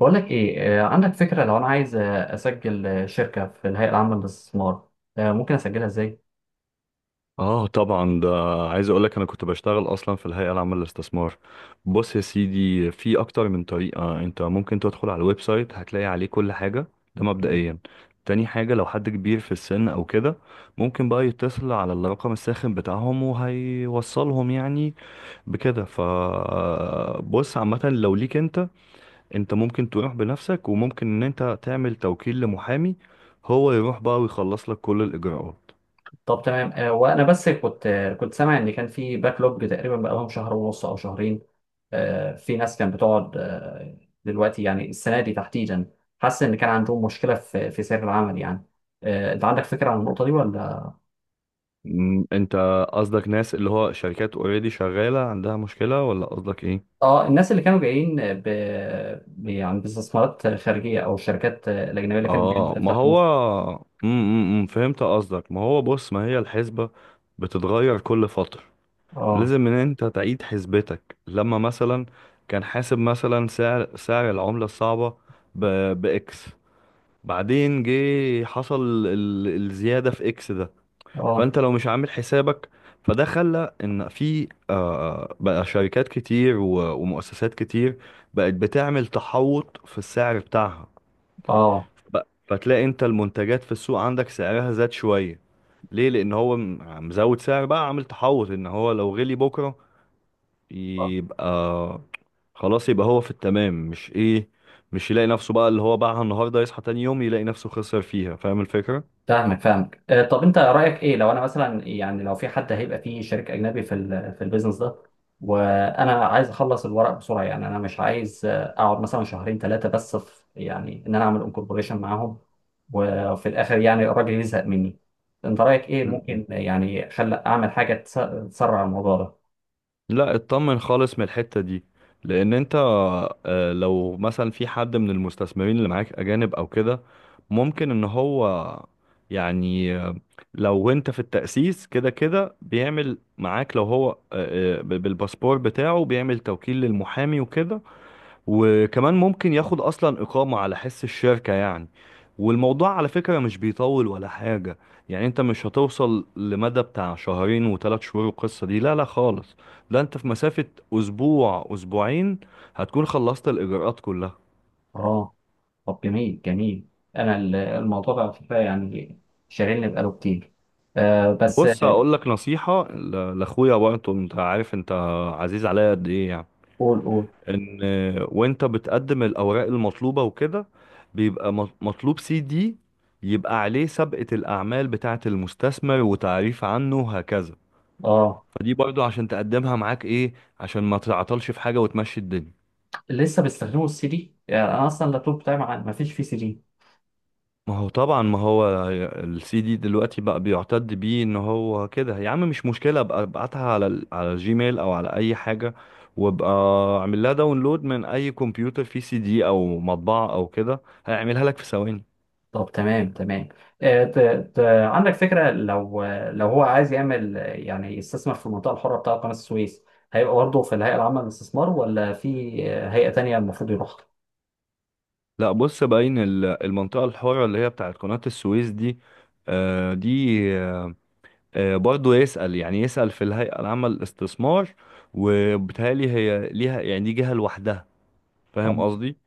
بقولك ايه، عندك فكرة لو انا عايز اسجل شركة في الهيئة العامة للاستثمار. ممكن اسجلها ازاي؟ اه، طبعا. ده، عايز اقول لك انا كنت بشتغل اصلا في الهيئه العامه للاستثمار. بص يا سيدي، في اكتر من طريقه. انت ممكن تدخل على الويب سايت، هتلاقي عليه كل حاجه. ده مبدئيا. تاني حاجه، لو حد كبير في السن او كده، ممكن بقى يتصل على الرقم الساخن بتاعهم وهيوصلهم يعني بكده. بص، عامه لو ليك انت، ممكن تروح بنفسك، وممكن ان انت تعمل توكيل لمحامي، هو يروح بقى ويخلص لك كل الاجراءات. طب تمام. وانا بس كنت سامع ان كان في باكلوج تقريبا بقالهم شهر ونص او شهرين. في ناس كانت بتقعد، دلوقتي يعني السنة دي تحديدا، حاسس ان كان عندهم مشكلة في سير العمل يعني. انت عندك فكرة عن النقطة دي ولا؟ انت قصدك ناس اللي هو شركات اوريدي شغالة عندها مشكلة، ولا قصدك ايه؟ اه، الناس اللي كانوا جايين يعني باستثمارات خارجية او الشركات، الاجنبية اللي كانت اه، ما بتفتح في مصر. هو فهمت قصدك. ما هو بص، ما هي الحسبة بتتغير كل فترة. اه لازم ان انت تعيد حسبتك لما مثلا كان حاسب مثلا سعر العملة الصعبة ب... باكس. بعدين جه حصل الزيادة في اكس ده. اه فانت لو مش عامل حسابك، فده خلى ان في بقى شركات كتير ومؤسسات كتير بقت بتعمل تحوط في السعر بتاعها. اه، فتلاقي انت المنتجات في السوق عندك سعرها زاد شوية. ليه؟ لان هو مزود سعر بقى، عامل تحوط ان هو لو غلي بكرة يبقى خلاص، يبقى هو في التمام. مش يلاقي نفسه بقى اللي هو باعها النهارده يصحى تاني يوم يلاقي نفسه خسر فيها. فاهم الفكرة؟ فاهمك فاهمك. طب انت رايك ايه، لو انا مثلا يعني لو في حد هيبقى فيه شريك اجنبي في البيزنس ده، وانا عايز اخلص الورق بسرعه، يعني انا مش عايز اقعد مثلا شهرين ثلاثه، بس في يعني ان انا اعمل انكوربوريشن معاهم وفي الاخر يعني الراجل يزهق مني. انت رايك ايه، ممكن يعني خل اعمل حاجه تسرع الموضوع ده؟ لا، اطمن خالص من الحتة دي. لان انت، لو مثلا في حد من المستثمرين اللي معاك اجانب او كده، ممكن ان هو يعني لو انت في التأسيس كده كده بيعمل معاك. لو هو بالباسبور بتاعه بيعمل توكيل للمحامي وكده. وكمان ممكن ياخد اصلا اقامة على حس الشركة يعني. والموضوع على فكرة مش بيطول ولا حاجة. يعني انت مش هتوصل لمدى بتاع شهرين و3 شهور، القصة دي لا لا خالص. لا، انت في مسافة اسبوع اسبوعين هتكون خلصت الاجراءات كلها. اه، طب جميل جميل. انا الموضوع ده على فكره يعني شاغلني بقاله كتير. آه، بس بص، هقول لك نصيحة لاخويا برضه. انت عارف انت عزيز عليا قد ايه يعني. قول قول. ان وانت بتقدم الاوراق المطلوبه وكده، بيبقى مطلوب سي دي يبقى عليه سابقه الاعمال بتاعه المستثمر وتعريف عنه وهكذا. اه، فدي برضو عشان تقدمها معاك، ايه؟ عشان ما تعطلش في حاجه وتمشي الدنيا. لسه بيستخدموا السي دي؟ يعني انا اصلا اللابتوب بتاعي ما فيش فيه سي دي. ما هو طبعا، ما هو السي دي دلوقتي بقى بيعتد بيه. ان هو كده يا عم مش مشكله، ابقى ابعتها على على الجيميل او على اي حاجه، وابقى اعمل لها داونلود من اي كمبيوتر فيه سي دي او مطبعه او كده، هيعملها لك في ثواني. طب تمام تمام. آه، ت... ت... عندك فكره، لو هو عايز يعمل، يعني يستثمر في المنطقه الحره بتاعه قناه السويس، هيبقى برضه في الهيئه العامه للاستثمار ولا في هيئه تانيه المفروض يروحها؟ لا بص، باين المنطقة الحرة اللي هي بتاعت قناة السويس دي، آه، دي آه، برضو يسأل يعني. يسأل في الهيئة العامة للاستثمار. وبالتالي هي ليها يعني، دي جهة لوحدها. فاهم آه. قصدي؟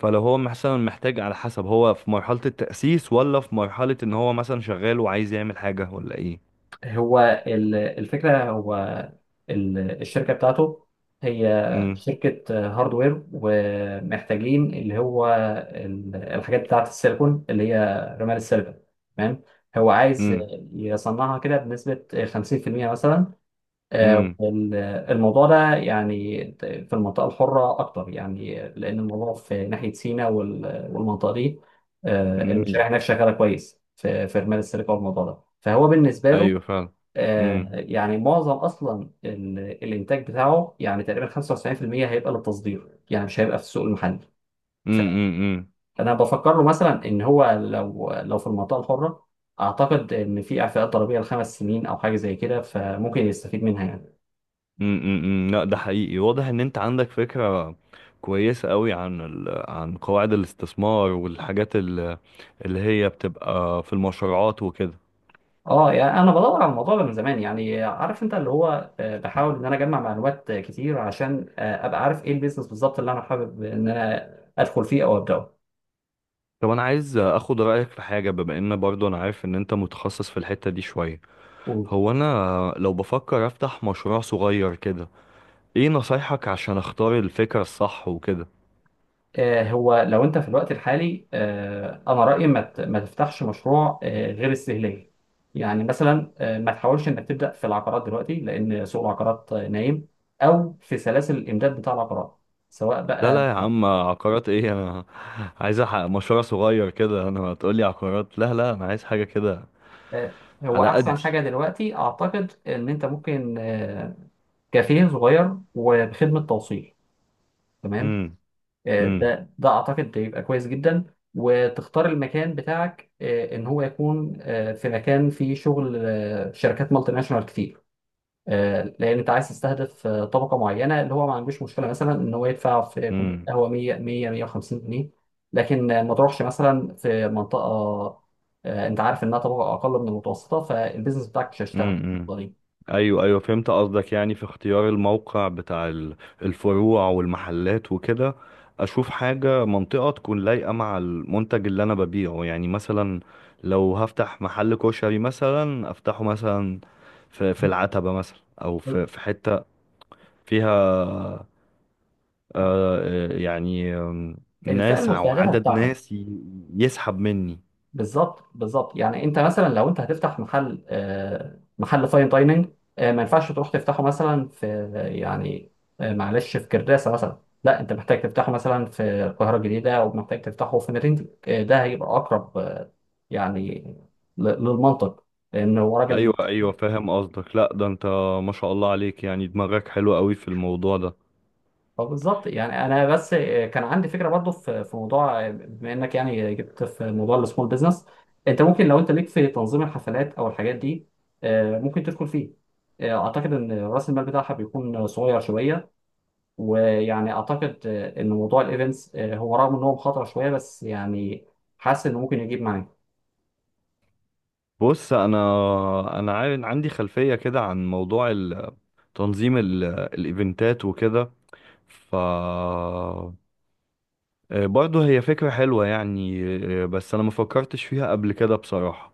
فلو هو مثلا محتاج، على حسب هو في مرحلة التأسيس ولا في مرحلة ان هو مثلا شغال وعايز يعمل حاجة ولا ايه. هو الفكرة، هو الشركة بتاعته، هي امم. شركة هاردوير، ومحتاجين اللي هو الحاجات بتاعة السيليكون، اللي هي رمال السيليكون، تمام. هو عايز امم يصنعها كده بنسبة 50% مثلا. آه، امم. وال- الموضوع ده يعني في المنطقة الحرة أكتر، يعني لأن الموضوع في ناحية سيناء والمنطقة دي. امم، المشاريع هناك شغالة كويس في رمال السيليكون والموضوع ده، فهو بالنسبة له ايوه فعلا. آه، امم يعني معظم اصلا الانتاج بتاعه يعني تقريبا 95% هيبقى للتصدير، يعني مش هيبقى في السوق المحلي. امم امم، امم. فانا بفكر له مثلا ان هو، لو في المنطقه الحره، اعتقد ان في اعفاءات ضريبيه ل5 سنين او حاجه زي كده، فممكن يستفيد منها يعني. لا، ده حقيقي واضح ان انت عندك فكرة كويسة قوي عن عن قواعد الاستثمار والحاجات اللي هي بتبقى في المشروعات وكده. اه، يعني انا بدور على الموضوع ده من زمان يعني، عارف انت اللي هو، بحاول ان انا اجمع معلومات كتير عشان ابقى عارف ايه البيزنس بالظبط اللي انا حابب ان انا ادخل فيه او ابداه. طب انا عايز اخد رأيك في حاجة، بما ان برضو انا عارف ان انت متخصص في الحتة دي شوية. هو انا لو بفكر افتح مشروع صغير كده، ايه نصايحك عشان اختار الفكرة الصح وكده؟ هو لو انت في الوقت الحالي، انا رايي ما تفتحش مشروع غير استهلاكي. يعني مثلا، ما تحاولش انك تبدا في العقارات دلوقتي لان سوق العقارات نايم، او في سلاسل الامداد بتاع العقارات سواء لا بقى. لا يا عم، عقارات ايه؟ انا عايز احقق مشروع صغير كده. انا هتقولي عقارات؟ لا لا، انا عايز حاجة كده هو على احسن قدي. حاجه دلوقتي، اعتقد ان انت ممكن كافيه صغير وبخدمه توصيل، تمام. امم آه، امم ده ده اعتقد بيبقى كويس جدا. وتختار المكان بتاعك، ان هو يكون في مكان فيه شغل، شركات مالتي ناشونال كتير. لان انت عايز تستهدف طبقه معينه، اللي هو ما عندوش مشكله مثلا ان هو يدفع في كوبايه امم قهوه 100 100 150 جنيه. لكن ما تروحش مثلا في منطقه، انت عارف انها طبقه اقل من المتوسطه، فالبيزنس بتاعك مش هيشتغل امم. امم. بالطريقة. ايوه ايوه، فهمت قصدك. يعني في اختيار الموقع بتاع الفروع والمحلات وكده. اشوف حاجه منطقه تكون لايقه مع المنتج اللي انا ببيعه، يعني مثلا لو هفتح محل كشري مثلا افتحه مثلا في العتبه مثلا، او في حته فيها آه آه، يعني آم، الفئه ناس، او المستهدفه عدد بتاعتك، ناس يسحب مني. بالظبط بالظبط. يعني انت مثلا لو انت هتفتح محل فاين دايننج. ما ينفعش تروح تفتحه مثلا في، يعني، معلش، في كرداسه مثلا، لا، انت محتاج تفتحه مثلا في القاهره الجديده، او محتاج تفتحه في مدينتك. ده هيبقى اقرب يعني للمنطق، لان هو راجل. ايوه ايوه، فاهم قصدك. لا ده انت ما شاء الله عليك، يعني دماغك حلو قوي في الموضوع ده. اه بالظبط. يعني انا بس كان عندي فكره برضو في موضوع، بما انك يعني جبت في موضوع السمول بزنس، انت ممكن لو انت ليك في تنظيم الحفلات او الحاجات دي. ممكن تدخل فيه. اعتقد ان راس المال بتاعها بيكون صغير شويه، ويعني اعتقد، ان موضوع الايفنتس هو، رغم ان هو مخاطره شويه، بس يعني حاسس انه ممكن يجيب معاك، بص انا، عندي خلفية كده عن موضوع تنظيم الايفنتات وكده. ف آه، برضه هي فكرة حلوة يعني. بس انا ما فكرتش فيها قبل كده بصراحة.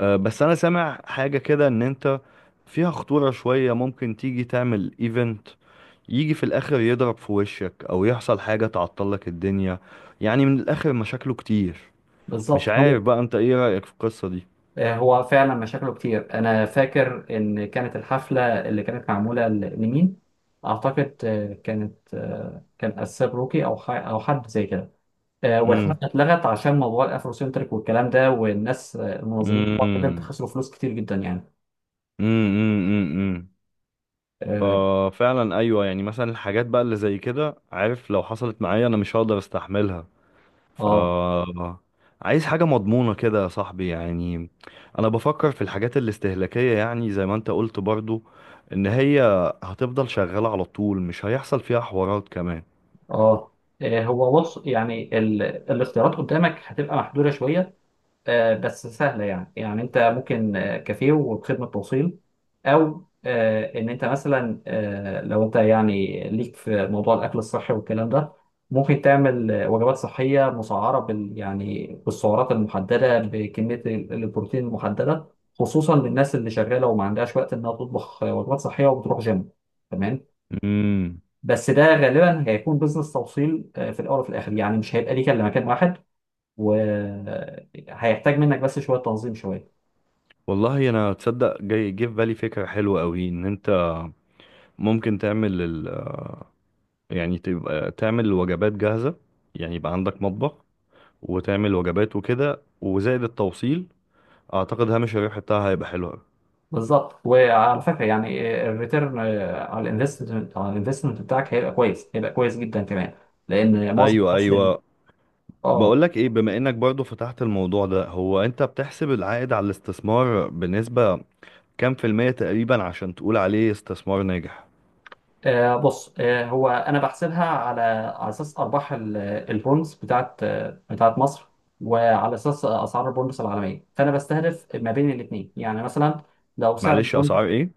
بس انا سامع حاجة كده، ان انت فيها خطورة شوية. ممكن تيجي تعمل ايفنت، يجي في الاخر يضرب في وشك، او يحصل حاجة تعطلك الدنيا. يعني من الاخر مشاكله كتير. مش بالظبط. هو عارف بقى انت ايه رأيك في القصة دي. فعلا مشاكله كتير. انا فاكر ان كانت الحفله اللي كانت معموله لمين، اعتقد، كان اساب روكي او او حد زي كده. والحفله امم اتلغت عشان موضوع الافروسنتريك والكلام ده، والناس، المنظمين بتوع الايفنت، امم خسروا فلوس كتير جدا يعني. امم. اه ففعلا ايوه، يعني مثلا الحاجات بقى اللي زي كده، عارف لو حصلت معايا، انا مش هقدر استحملها. ف اه. عايز حاجة مضمونة كده يا صاحبي يعني. أنا بفكر في الحاجات الاستهلاكية، يعني زي ما أنت قلت برضو، إن هي هتفضل شغالة على طول، مش هيحصل فيها حوارات كمان. آه. هو بص يعني الاختيارات قدامك هتبقى محدوده شويه. بس سهلة يعني أنت ممكن، كافيه وبخدمة توصيل، أو، إن أنت مثلا، لو أنت يعني ليك في موضوع الأكل الصحي والكلام ده، ممكن تعمل وجبات صحية مسعرة يعني بالسعرات المحددة، بكمية البروتين المحددة، خصوصا للناس اللي شغالة وما عندهاش وقت إنها تطبخ وجبات صحية وبتروح جيم، تمام. امم بس ده غالبا هيكون بزنس توصيل، في الأول، وفي الآخر يعني مش هيبقى ليك إلا مكان واحد، وهيحتاج منك بس شويه تنظيم شويه. والله أنا تصدق، جاي جه في بالي فكرة حلوة أوي. إن أنت ممكن تعمل يعني تبقى تعمل وجبات جاهزة. يعني يبقى عندك مطبخ، وتعمل وجبات وكده وزائد التوصيل. أعتقد هامش الربح بتاعها هيبقى حلو أوي. بالظبط، وعلى فكره يعني الريتيرن على الانفستمنت بتاعك هيبقى كويس، هيبقى كويس جدا كمان، لان معظم ايوه الناس ايوه، اه. بقولك ايه، بما انك برضو فتحت الموضوع ده، هو انت بتحسب العائد على الاستثمار بنسبة كام في المية تقريبا عشان تقول عليه استثمار ناجح؟ بص، هو انا بحسبها على اساس ارباح البونز بتاعت مصر، وعلى اساس اسعار البونز العالميه، فانا بستهدف ما بين الاثنين، يعني مثلا لو سعر معلش، اسعار البوند، ايه؟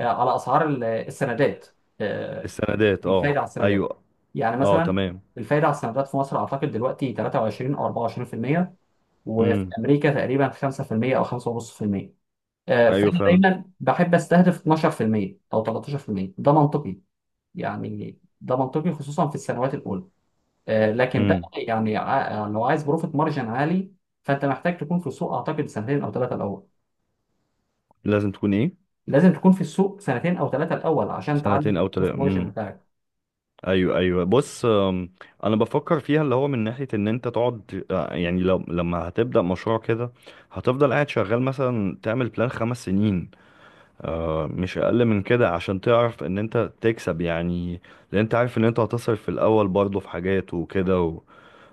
على اسعار السندات. آه، السندات، اه الفايدة على السندات، ايوه. يعني اه مثلا تمام. الفايدة على السندات في مصر أعتقد دلوقتي 23 أو 24%، وفي امم. أمريكا تقريبا 5% أو 5.5%. ايوه فأنا فعلا. دايما بحب أستهدف 12% أو 13%، ده منطقي. يعني ده منطقي خصوصا في السنوات الأولى. لكن بقى امم. يعني، يعني لو عايز بروفيت مارجن عالي، فأنت محتاج تكون في السوق أعتقد سنتين أو ثلاثة الأول. لازم تكون ايه؟ لازم تكون في السوق سنتين أو ثلاثة الأول عشان تعلي سنتين او تلاتة. البروفيت مارجن امم. بتاعك. ايوه ايوه. بص انا بفكر فيها، اللي هو من ناحية ان انت تقعد، يعني لو لما هتبدأ مشروع كده هتفضل قاعد شغال مثلا، تعمل بلان 5 سنين. مش اقل من كده عشان تعرف ان انت تكسب يعني. لان انت عارف ان انت هتصرف في الاول برضه في حاجات وكده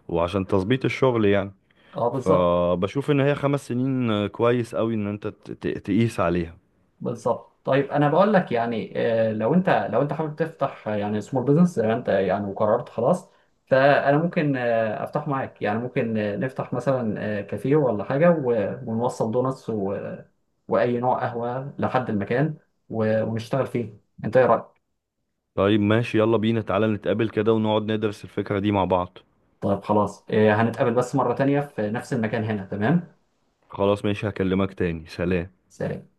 وعشان تظبيط الشغل يعني. اه بالظبط فبشوف ان هي 5 سنين كويس قوي ان انت تقيس عليها. بالظبط. طيب انا بقول لك، يعني، لو انت حابب تفتح، يعني سمول بزنس زي ما انت يعني وقررت خلاص، فانا ممكن افتح معاك، يعني ممكن نفتح مثلا كافيه ولا حاجه، ونوصل دونتس واي نوع قهوه لحد المكان، ونشتغل فيه، انت ايه رايك؟ طيب ماشي، يلا بينا، تعالى نتقابل كده ونقعد ندرس الفكرة دي مع بعض. طيب خلاص. هنتقابل بس مره تانية في نفس المكان هنا، تمام؟ خلاص ماشي، هكلمك تاني. سلام. سلام.